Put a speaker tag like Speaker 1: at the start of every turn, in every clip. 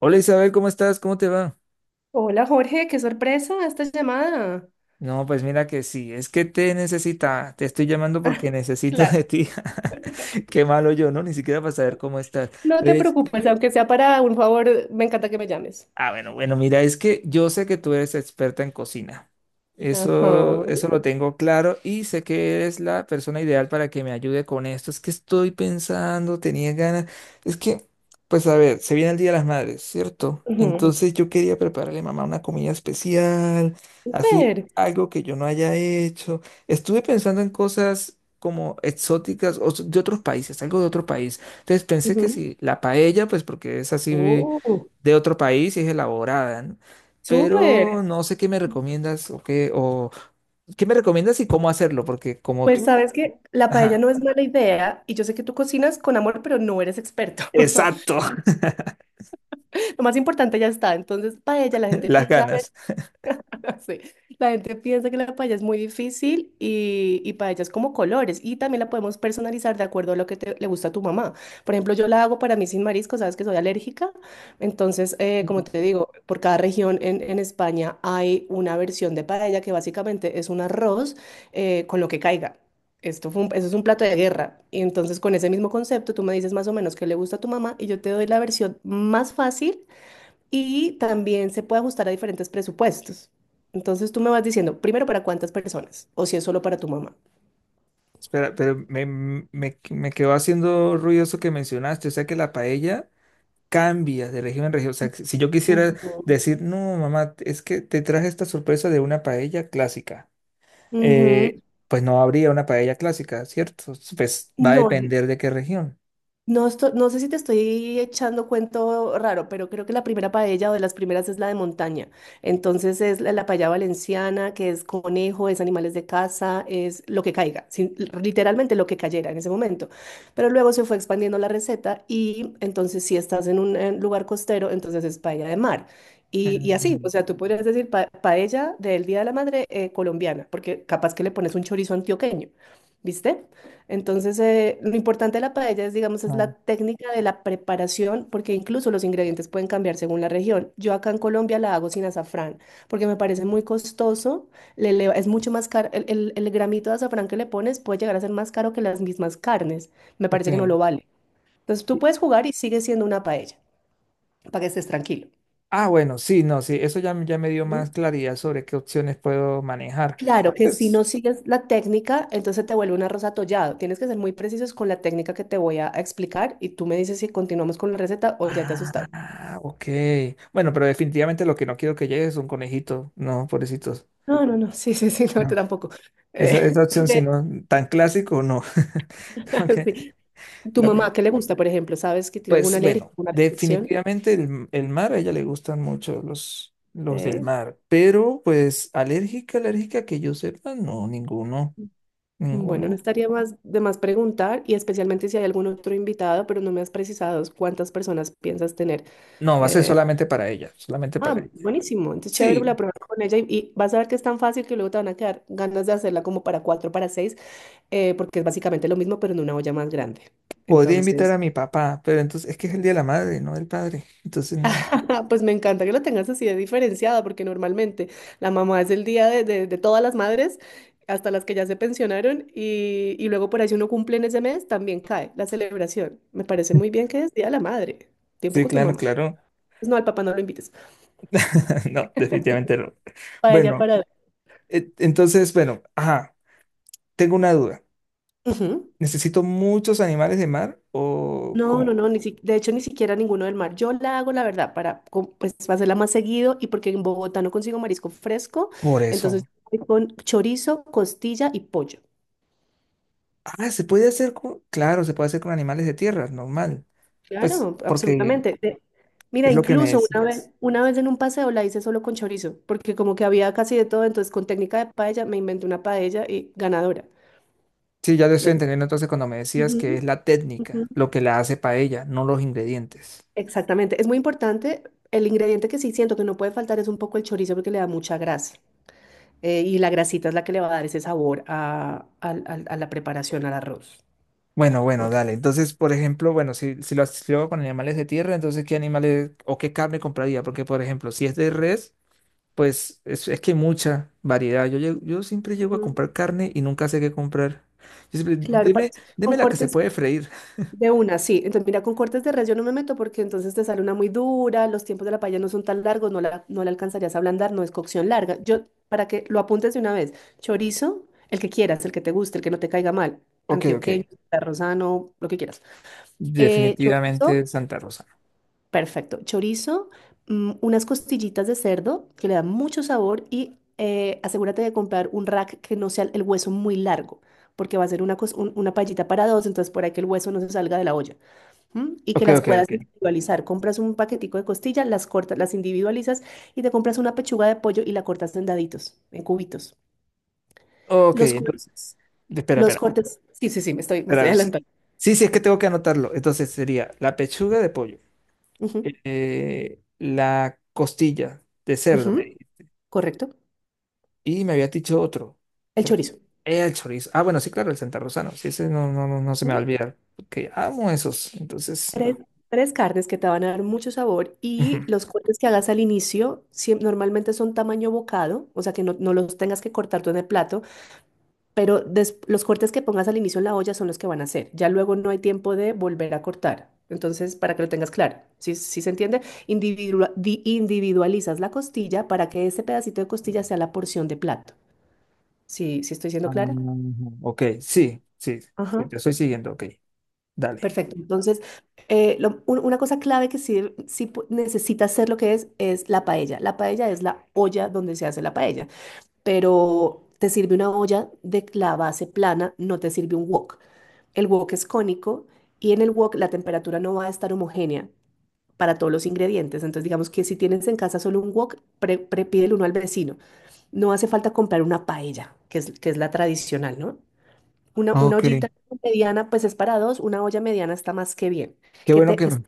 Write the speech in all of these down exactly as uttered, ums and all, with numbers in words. Speaker 1: Hola Isabel, ¿cómo estás? ¿Cómo te va?
Speaker 2: Hola Jorge, qué sorpresa esta llamada.
Speaker 1: No, pues mira que sí, es que te necesita, te estoy llamando porque necesito de
Speaker 2: Claro.
Speaker 1: ti. Qué malo yo, ¿no? Ni siquiera para saber cómo estás.
Speaker 2: No te
Speaker 1: ¿Ves?
Speaker 2: preocupes, aunque sea para un favor, me encanta que me llames.
Speaker 1: Ah, bueno, bueno, mira, es que yo sé que tú eres experta en cocina. Eso,
Speaker 2: Ajá.
Speaker 1: eso lo tengo claro y sé que eres la persona ideal para que me ayude con esto. Es que estoy pensando, tenía ganas. Es que, pues a ver, se viene el Día de las Madres, ¿cierto?
Speaker 2: ujú,
Speaker 1: Entonces yo quería prepararle a mamá una comida especial,
Speaker 2: Súper.
Speaker 1: así, algo que yo no haya hecho. Estuve pensando en cosas como exóticas o de otros países, algo de otro país. Entonces pensé que
Speaker 2: ujú,
Speaker 1: si la paella, pues porque es así
Speaker 2: Oh,
Speaker 1: de otro país y es elaborada, ¿no? Pero
Speaker 2: súper.
Speaker 1: no sé qué me recomiendas o qué, o qué me recomiendas y cómo hacerlo, porque como
Speaker 2: Pues
Speaker 1: tú...
Speaker 2: sabes que la paella
Speaker 1: Ajá,
Speaker 2: no es mala idea y yo sé que tú cocinas con amor, pero no eres experto.
Speaker 1: exacto,
Speaker 2: Lo más importante ya está. Entonces, paella, la gente
Speaker 1: las
Speaker 2: piensa.
Speaker 1: ganas.
Speaker 2: Sí. La gente piensa que la paella es muy difícil y, y paella es como colores, y también la podemos personalizar de acuerdo a lo que te- le gusta a tu mamá. Por ejemplo, yo la hago para mí sin marisco, sabes que soy alérgica. Entonces, eh, como te digo, por cada región en, en España hay una versión de paella que básicamente es un arroz eh, con lo que caiga. Esto fue un- eso es un plato de guerra. Y entonces con ese mismo concepto tú me dices más o menos qué le gusta a tu mamá y yo te doy la versión más fácil, y también se puede ajustar a diferentes presupuestos. Entonces tú me vas diciendo, primero para cuántas personas o si es solo para tu mamá.
Speaker 1: Espera, pero me, me, me quedó haciendo ruido eso que mencionaste, o sea que la paella cambia de región en región. O sea, que si yo quisiera
Speaker 2: Ujú.
Speaker 1: decir, no, mamá, es que te traje esta sorpresa de una paella clásica,
Speaker 2: Ujú.
Speaker 1: eh, pues no habría una paella clásica, ¿cierto? Pues va a
Speaker 2: No,
Speaker 1: depender de qué región.
Speaker 2: no, esto- no sé si te estoy echando cuento raro, pero creo que la primera paella o de las primeras es la de montaña. Entonces es la, la paella valenciana, que es conejo, es animales de casa, es lo que caiga, sin- literalmente lo que cayera en ese momento. Pero luego se fue expandiendo la receta y entonces si estás en un eh, lugar costero, entonces es paella de mar. Y, y así,
Speaker 1: Ujú.
Speaker 2: o sea, tú podrías decir pa- paella del Día de la Madre eh, colombiana, porque capaz que le pones un chorizo antioqueño, ¿viste? Entonces, eh, lo importante de la paella es, digamos, es la
Speaker 1: Ah,
Speaker 2: técnica de la preparación, porque incluso los ingredientes pueden cambiar según la región. Yo acá en Colombia la hago sin azafrán, porque me parece muy costoso, le eleva- es mucho más caro, el, el- el gramito de azafrán que le pones puede llegar a ser más caro que las mismas carnes, me parece que no lo
Speaker 1: ok.
Speaker 2: vale. Entonces, tú puedes jugar y sigue siendo una paella, para que estés tranquilo.
Speaker 1: Ah, bueno, sí, no, sí, eso ya, me- ya me dio más claridad sobre qué opciones puedo manejar.
Speaker 2: Claro que si
Speaker 1: Pues,
Speaker 2: no sigues la técnica, entonces te vuelve un arroz atollado. Tienes que ser muy precisos con la técnica que te voy a explicar y tú me dices si continuamos con la receta o ya te asustaste.
Speaker 1: ah, ok. Bueno, pero definitivamente lo que no quiero que llegue es un conejito, no, pobrecitos.
Speaker 2: No, no, no, sí, sí, sí, no, tú
Speaker 1: No.
Speaker 2: tampoco.
Speaker 1: Esa,
Speaker 2: Eh,
Speaker 1: esa opción, si
Speaker 2: de-
Speaker 1: no, tan clásico, no. Como que
Speaker 2: sí. ¿Tu
Speaker 1: la prim-
Speaker 2: mamá qué le gusta, por ejemplo? ¿Sabes que tiene alguna
Speaker 1: pues
Speaker 2: alergia,
Speaker 1: bueno,
Speaker 2: alguna restricción?
Speaker 1: definitivamente el, el mar, a ella le gustan mucho los, los del
Speaker 2: Eh,
Speaker 1: mar, pero pues alérgica, alérgica que yo sepa, no, ninguno,
Speaker 2: Bueno, no
Speaker 1: ninguno.
Speaker 2: estaría más de más preguntar y especialmente si hay algún otro invitado, pero no me has precisado cuántas personas piensas tener.
Speaker 1: No, va a ser
Speaker 2: eh,
Speaker 1: solamente para ella, solamente para
Speaker 2: Ah,
Speaker 1: ella.
Speaker 2: buenísimo. Entonces, chévere, la
Speaker 1: Sí,
Speaker 2: prueba con ella y, y vas a ver que es tan fácil que luego te van a quedar ganas de hacerla como para cuatro, para seis, eh, porque es básicamente lo mismo, pero en una olla más grande.
Speaker 1: podría invitar
Speaker 2: Entonces,
Speaker 1: a mi papá, pero entonces es que es el día de la madre, no del padre. Entonces no.
Speaker 2: pues me encanta que lo tengas así de diferenciada, porque normalmente la mamá es el día de, de- de todas las madres, hasta las que ya se pensionaron, y, y luego por ahí si uno cumple en ese mes, también cae la celebración. Me parece muy bien que es Día de la Madre. Tiempo
Speaker 1: Sí,
Speaker 2: con tu
Speaker 1: claro,
Speaker 2: mamá.
Speaker 1: claro.
Speaker 2: Pues no, al papá no lo invites.
Speaker 1: No, definitivamente no.
Speaker 2: Para ella,
Speaker 1: Bueno,
Speaker 2: para...
Speaker 1: e- entonces, bueno, ajá, tengo una duda.
Speaker 2: Ujú.
Speaker 1: ¿Necesito muchos animales de mar o
Speaker 2: No, no,
Speaker 1: cómo?
Speaker 2: no, ni si- de hecho ni siquiera ninguno del mar. Yo la hago, la verdad, para co- pues, para hacerla más seguido y porque en Bogotá no consigo marisco fresco,
Speaker 1: Por
Speaker 2: entonces
Speaker 1: eso.
Speaker 2: voy con chorizo, costilla y pollo.
Speaker 1: Ah, se puede hacer con, claro, se puede hacer con animales de tierra, normal. Pues
Speaker 2: Claro,
Speaker 1: porque
Speaker 2: absolutamente. De- mira,
Speaker 1: es lo que me
Speaker 2: incluso una vez,
Speaker 1: decías.
Speaker 2: una vez en un paseo la hice solo con chorizo, porque como que había casi de todo, entonces con técnica de paella me inventé una paella y ganadora.
Speaker 1: Sí, ya lo estoy
Speaker 2: Lo-
Speaker 1: entendiendo entonces cuando me decías que es
Speaker 2: Ujú,
Speaker 1: la
Speaker 2: ujú.
Speaker 1: técnica lo que la hace paella, no los ingredientes.
Speaker 2: Exactamente, es muy importante. El ingrediente que sí siento que no puede faltar es un poco el chorizo porque le da mucha grasa. Eh, y la grasita es la que le va a dar ese sabor a, al- al- a la preparación al arroz.
Speaker 1: Bueno, bueno,
Speaker 2: Ok.
Speaker 1: dale. Entonces, por ejemplo, bueno, si, si lo, si lo hago con animales de tierra, entonces, ¿qué animales o qué carne compraría? Porque, por ejemplo, si es de res, pues es, es que hay mucha variedad. Yo, llego- yo siempre llego a
Speaker 2: Mm.
Speaker 1: comprar carne y nunca sé qué comprar. Yo siempre,
Speaker 2: Claro, pa-
Speaker 1: deme,
Speaker 2: con
Speaker 1: deme la que se
Speaker 2: cortes
Speaker 1: puede freír.
Speaker 2: de una, sí. Entonces, mira, con cortes de res yo no me meto porque entonces te sale una muy dura, los tiempos de la paella no son tan largos, no la, no la alcanzarías a ablandar, no es cocción larga. Yo, para que lo apuntes de una vez, chorizo, el que quieras, el que te guste, el que no te caiga mal,
Speaker 1: Ok, ok.
Speaker 2: antioqueño, rosano, lo que quieras. Eh, chorizo.
Speaker 1: Definitivamente Santa Rosa.
Speaker 2: Perfecto. Chorizo, mm, unas costillitas de cerdo que le dan mucho sabor y eh, asegúrate de comprar un rack que no sea el hueso muy largo, porque va a ser una, cos- un- una paellita para dos, entonces por ahí que el hueso no se salga de la olla. ¿M? Y que
Speaker 1: Ok,
Speaker 2: las
Speaker 1: ok,
Speaker 2: puedas
Speaker 1: ok.
Speaker 2: individualizar. Compras un paquetico de costillas, las cortas, las individualizas y te compras una pechuga de pollo y la cortas en daditos, en cubitos.
Speaker 1: Ok,
Speaker 2: Los, cor-
Speaker 1: entonces, espera,
Speaker 2: los
Speaker 1: espera,
Speaker 2: cortes. Sí, sí, sí, me estoy, me estoy
Speaker 1: espera. Sí,
Speaker 2: adelantando.
Speaker 1: sí, sí, es que tengo que anotarlo. Entonces sería la pechuga de pollo,
Speaker 2: Ujú,
Speaker 1: eh, la costilla de cerdo.
Speaker 2: ujú, correcto.
Speaker 1: Y me había dicho otro.
Speaker 2: El
Speaker 1: Pero que-
Speaker 2: chorizo.
Speaker 1: el chorizo. Ah, bueno, sí, claro, el Santa Rosano. Sí, ese no, no, no, no se me va a olvidar. Porque amo esos. Entonces,
Speaker 2: Tres,
Speaker 1: no.
Speaker 2: tres carnes que te van a dar mucho sabor
Speaker 1: Ujú.
Speaker 2: y los cortes que hagas al inicio siem- normalmente son tamaño bocado, o sea que no, no los tengas que cortar tú en el plato, pero des- los cortes que pongas al inicio en la olla son los que van a hacer. Ya luego no hay tiempo de volver a cortar. Entonces, para que lo tengas claro, sí, sí, ¿se entiende? Individua- di- individualizas la costilla para que ese pedacito de costilla sea la porción de plato. ¿Sí, sí estoy siendo
Speaker 1: Ah,
Speaker 2: clara?
Speaker 1: ok, sí, sí, sí,
Speaker 2: Ajá.
Speaker 1: te estoy siguiendo, ok. Dale.
Speaker 2: Perfecto. Entonces, eh, lo- un- una cosa clave que sí, sí, pu- necesita hacer lo que es, es la paella. La paella es la olla donde se hace la paella, pero te sirve una olla de la base plana, no te sirve un wok. El wok es cónico y en el wok la temperatura no va a estar homogénea para todos los ingredientes. Entonces, digamos que si tienes en casa solo un wok, pre, pre- pídele uno al vecino. No hace falta comprar una paella, que es, que es la tradicional, ¿no? Una, una
Speaker 1: Ok.
Speaker 2: ollita mediana, pues es para dos, una olla mediana está más que bien.
Speaker 1: Qué
Speaker 2: Que
Speaker 1: bueno
Speaker 2: te,
Speaker 1: que...
Speaker 2: que es-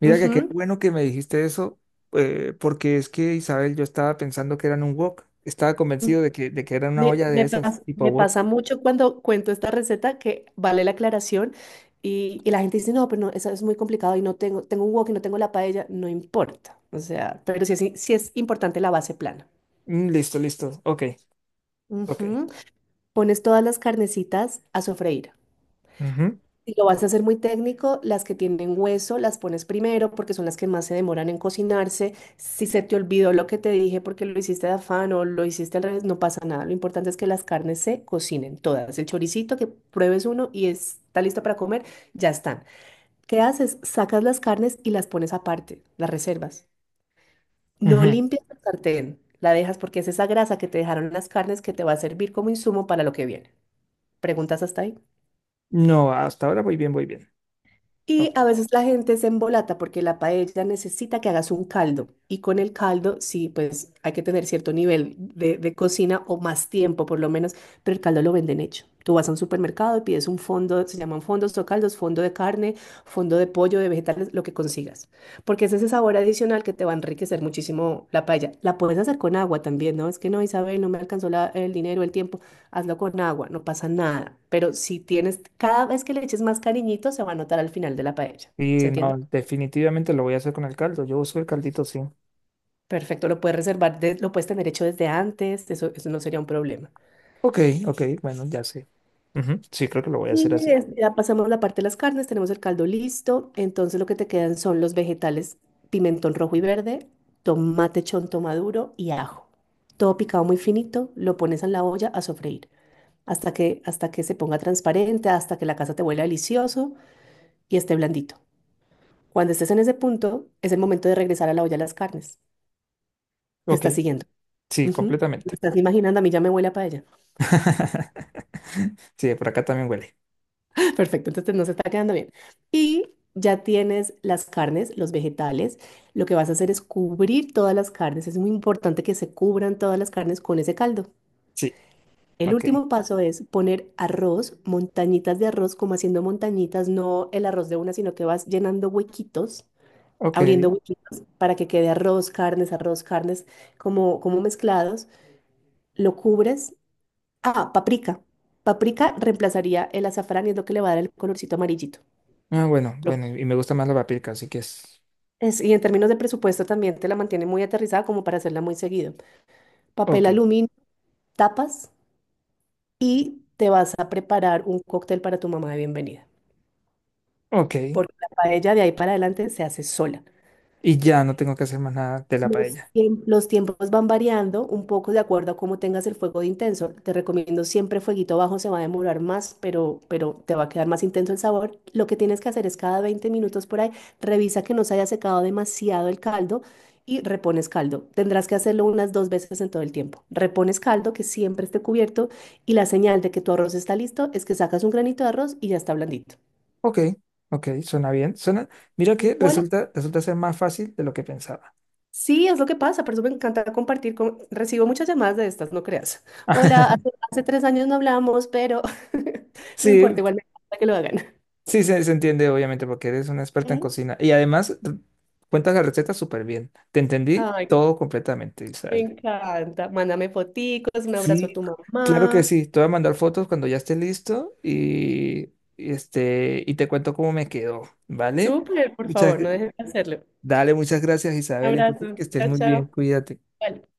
Speaker 1: Mira que qué
Speaker 2: Ujú.
Speaker 1: bueno que me dijiste eso, eh, porque es que, Isabel, yo estaba pensando que eran un wok. Estaba convencido de que, de que era una
Speaker 2: Me,
Speaker 1: olla de
Speaker 2: me
Speaker 1: esas,
Speaker 2: pas-
Speaker 1: tipo
Speaker 2: me
Speaker 1: wok.
Speaker 2: pasa mucho cuando cuento esta receta que vale la aclaración y, y la gente dice, no, pero no, eso es muy complicado y no tengo, tengo un wok y no tengo la paella, no importa. O sea, pero sí es, sí es importante la base plana.
Speaker 1: Mm, listo, listo. Ok, ok.
Speaker 2: Ujú. Pones todas las carnecitas a sofreír.
Speaker 1: Ujú,
Speaker 2: Si lo vas a hacer muy técnico, las que tienen hueso las pones primero porque son las que más se demoran en cocinarse. Si se te olvidó lo que te dije porque lo hiciste de afán o lo hiciste al revés, no pasa nada. Lo importante es que las carnes se cocinen todas. El choricito, que pruebes uno y está listo para comer, ya están. ¿Qué haces? Sacas las carnes y las pones aparte, las reservas. No
Speaker 1: ujú.
Speaker 2: limpias el sartén, la dejas porque es esa grasa que te dejaron las carnes que te va a servir como insumo para lo que viene. ¿Preguntas hasta ahí?
Speaker 1: No, hasta ahora voy bien, voy bien.
Speaker 2: Y
Speaker 1: Ok.
Speaker 2: a veces la gente se embolata porque la paella necesita que hagas un caldo. Y con el caldo, sí, pues hay que tener cierto nivel de, de cocina o más tiempo por lo menos, pero el caldo lo venden hecho. Tú vas a un supermercado y pides un fondo, se llaman fondos o caldos, fondo de carne, fondo de pollo, de vegetales, lo que consigas. Porque es ese sabor adicional que te va a enriquecer muchísimo la paella. La puedes hacer con agua también, ¿no? Es que no, Isabel, no me alcanzó la- el dinero, el tiempo. Hazlo con agua, no pasa nada. Pero si tienes, cada vez que le eches más cariñito, se va a notar al final de la paella. ¿Se
Speaker 1: Y
Speaker 2: entiende?
Speaker 1: no, definitivamente lo voy a hacer con el caldo. Yo uso el caldito, sí.
Speaker 2: Perfecto, lo puedes reservar, de- lo puedes tener hecho desde antes, eso, eso no sería un problema.
Speaker 1: Ok, ok, bueno, ya sé. Ujú, sí, creo que lo voy a hacer
Speaker 2: Y
Speaker 1: así.
Speaker 2: es- ya pasamos la parte de las carnes, tenemos el caldo listo, entonces lo que te quedan son los vegetales, pimentón rojo y verde, tomate chonto maduro y ajo. Todo picado muy finito, lo pones en la olla a sofreír hasta que, hasta que se ponga transparente, hasta que la casa te huela delicioso y esté blandito. Cuando estés en ese punto, es el momento de regresar a la olla de las carnes. Te
Speaker 1: Ok,
Speaker 2: estás siguiendo.
Speaker 1: sí,
Speaker 2: Ujú. Lo
Speaker 1: completamente.
Speaker 2: estás imaginando, a mí ya me huele a paella.
Speaker 1: Sí, por acá también huele.
Speaker 2: Perfecto, entonces nos está quedando bien. Y ya tienes las carnes, los vegetales. Lo que vas a hacer es cubrir todas las carnes. Es muy importante que se cubran todas las carnes con ese caldo.
Speaker 1: Sí,
Speaker 2: El
Speaker 1: ok,
Speaker 2: último paso es poner arroz, montañitas de arroz, como haciendo montañitas, no el arroz de una, sino que vas llenando huequitos,
Speaker 1: ok.
Speaker 2: abriendo huequitos para que quede arroz, carnes, arroz, carnes, como, como mezclados. Lo cubres. Ah, paprika. Paprika reemplazaría el azafrán y es lo que le va a dar el colorcito amarillito.
Speaker 1: Ah, bueno,
Speaker 2: Lo-
Speaker 1: bueno, y me gusta más la paprika, así que es.
Speaker 2: es- y en términos de presupuesto también te la mantiene muy aterrizada como para hacerla muy seguido. Papel
Speaker 1: Ok,
Speaker 2: aluminio, tapas y te vas a preparar un cóctel para tu mamá de bienvenida.
Speaker 1: ok.
Speaker 2: Porque la paella de ahí para adelante se hace sola.
Speaker 1: Y ya no tengo que hacer más nada de la
Speaker 2: Los,
Speaker 1: paella.
Speaker 2: tiemp- los tiempos van variando un poco de acuerdo a cómo tengas el fuego de intenso. Te recomiendo siempre fueguito bajo, se va a demorar más, pero, pero te va a quedar más intenso el sabor. Lo que tienes que hacer es cada veinte minutos por ahí, revisa que no se haya secado demasiado el caldo y repones caldo. Tendrás que hacerlo unas dos veces en todo el tiempo. Repones caldo, que siempre esté cubierto, y la señal de que tu arroz está listo es que sacas un granito de arroz y ya está blandito.
Speaker 1: Ok, ok, suena bien. Suena. Mira que
Speaker 2: Igual
Speaker 1: resulta, resulta ser más fácil de lo que pensaba.
Speaker 2: sí, es lo que pasa, por eso me encanta compartir con... Recibo muchas llamadas de estas, no creas. Hola, hace, hace tres años no hablamos, pero no importa,
Speaker 1: Sí,
Speaker 2: igual me encanta que lo hagan.
Speaker 1: sí, se, se entiende, obviamente, porque eres una experta en
Speaker 2: ¿Mm?
Speaker 1: cocina. Y además, r- cuentas la receta súper bien. Te entendí
Speaker 2: Ay,
Speaker 1: todo completamente,
Speaker 2: me
Speaker 1: Isabel.
Speaker 2: encanta. Mándame foticos, un abrazo a
Speaker 1: Sí,
Speaker 2: tu
Speaker 1: claro que
Speaker 2: mamá.
Speaker 1: sí. Te voy a mandar fotos cuando ya esté listo y, y este, y te cuento cómo me quedó, ¿vale?
Speaker 2: Súper, por
Speaker 1: Muchas,
Speaker 2: favor, no dejes de hacerlo.
Speaker 1: dale, muchas gracias,
Speaker 2: Un
Speaker 1: Isabel. Entonces, que
Speaker 2: abrazo.
Speaker 1: estés
Speaker 2: Chao,
Speaker 1: muy bien.
Speaker 2: chao.
Speaker 1: Cuídate.
Speaker 2: Vale.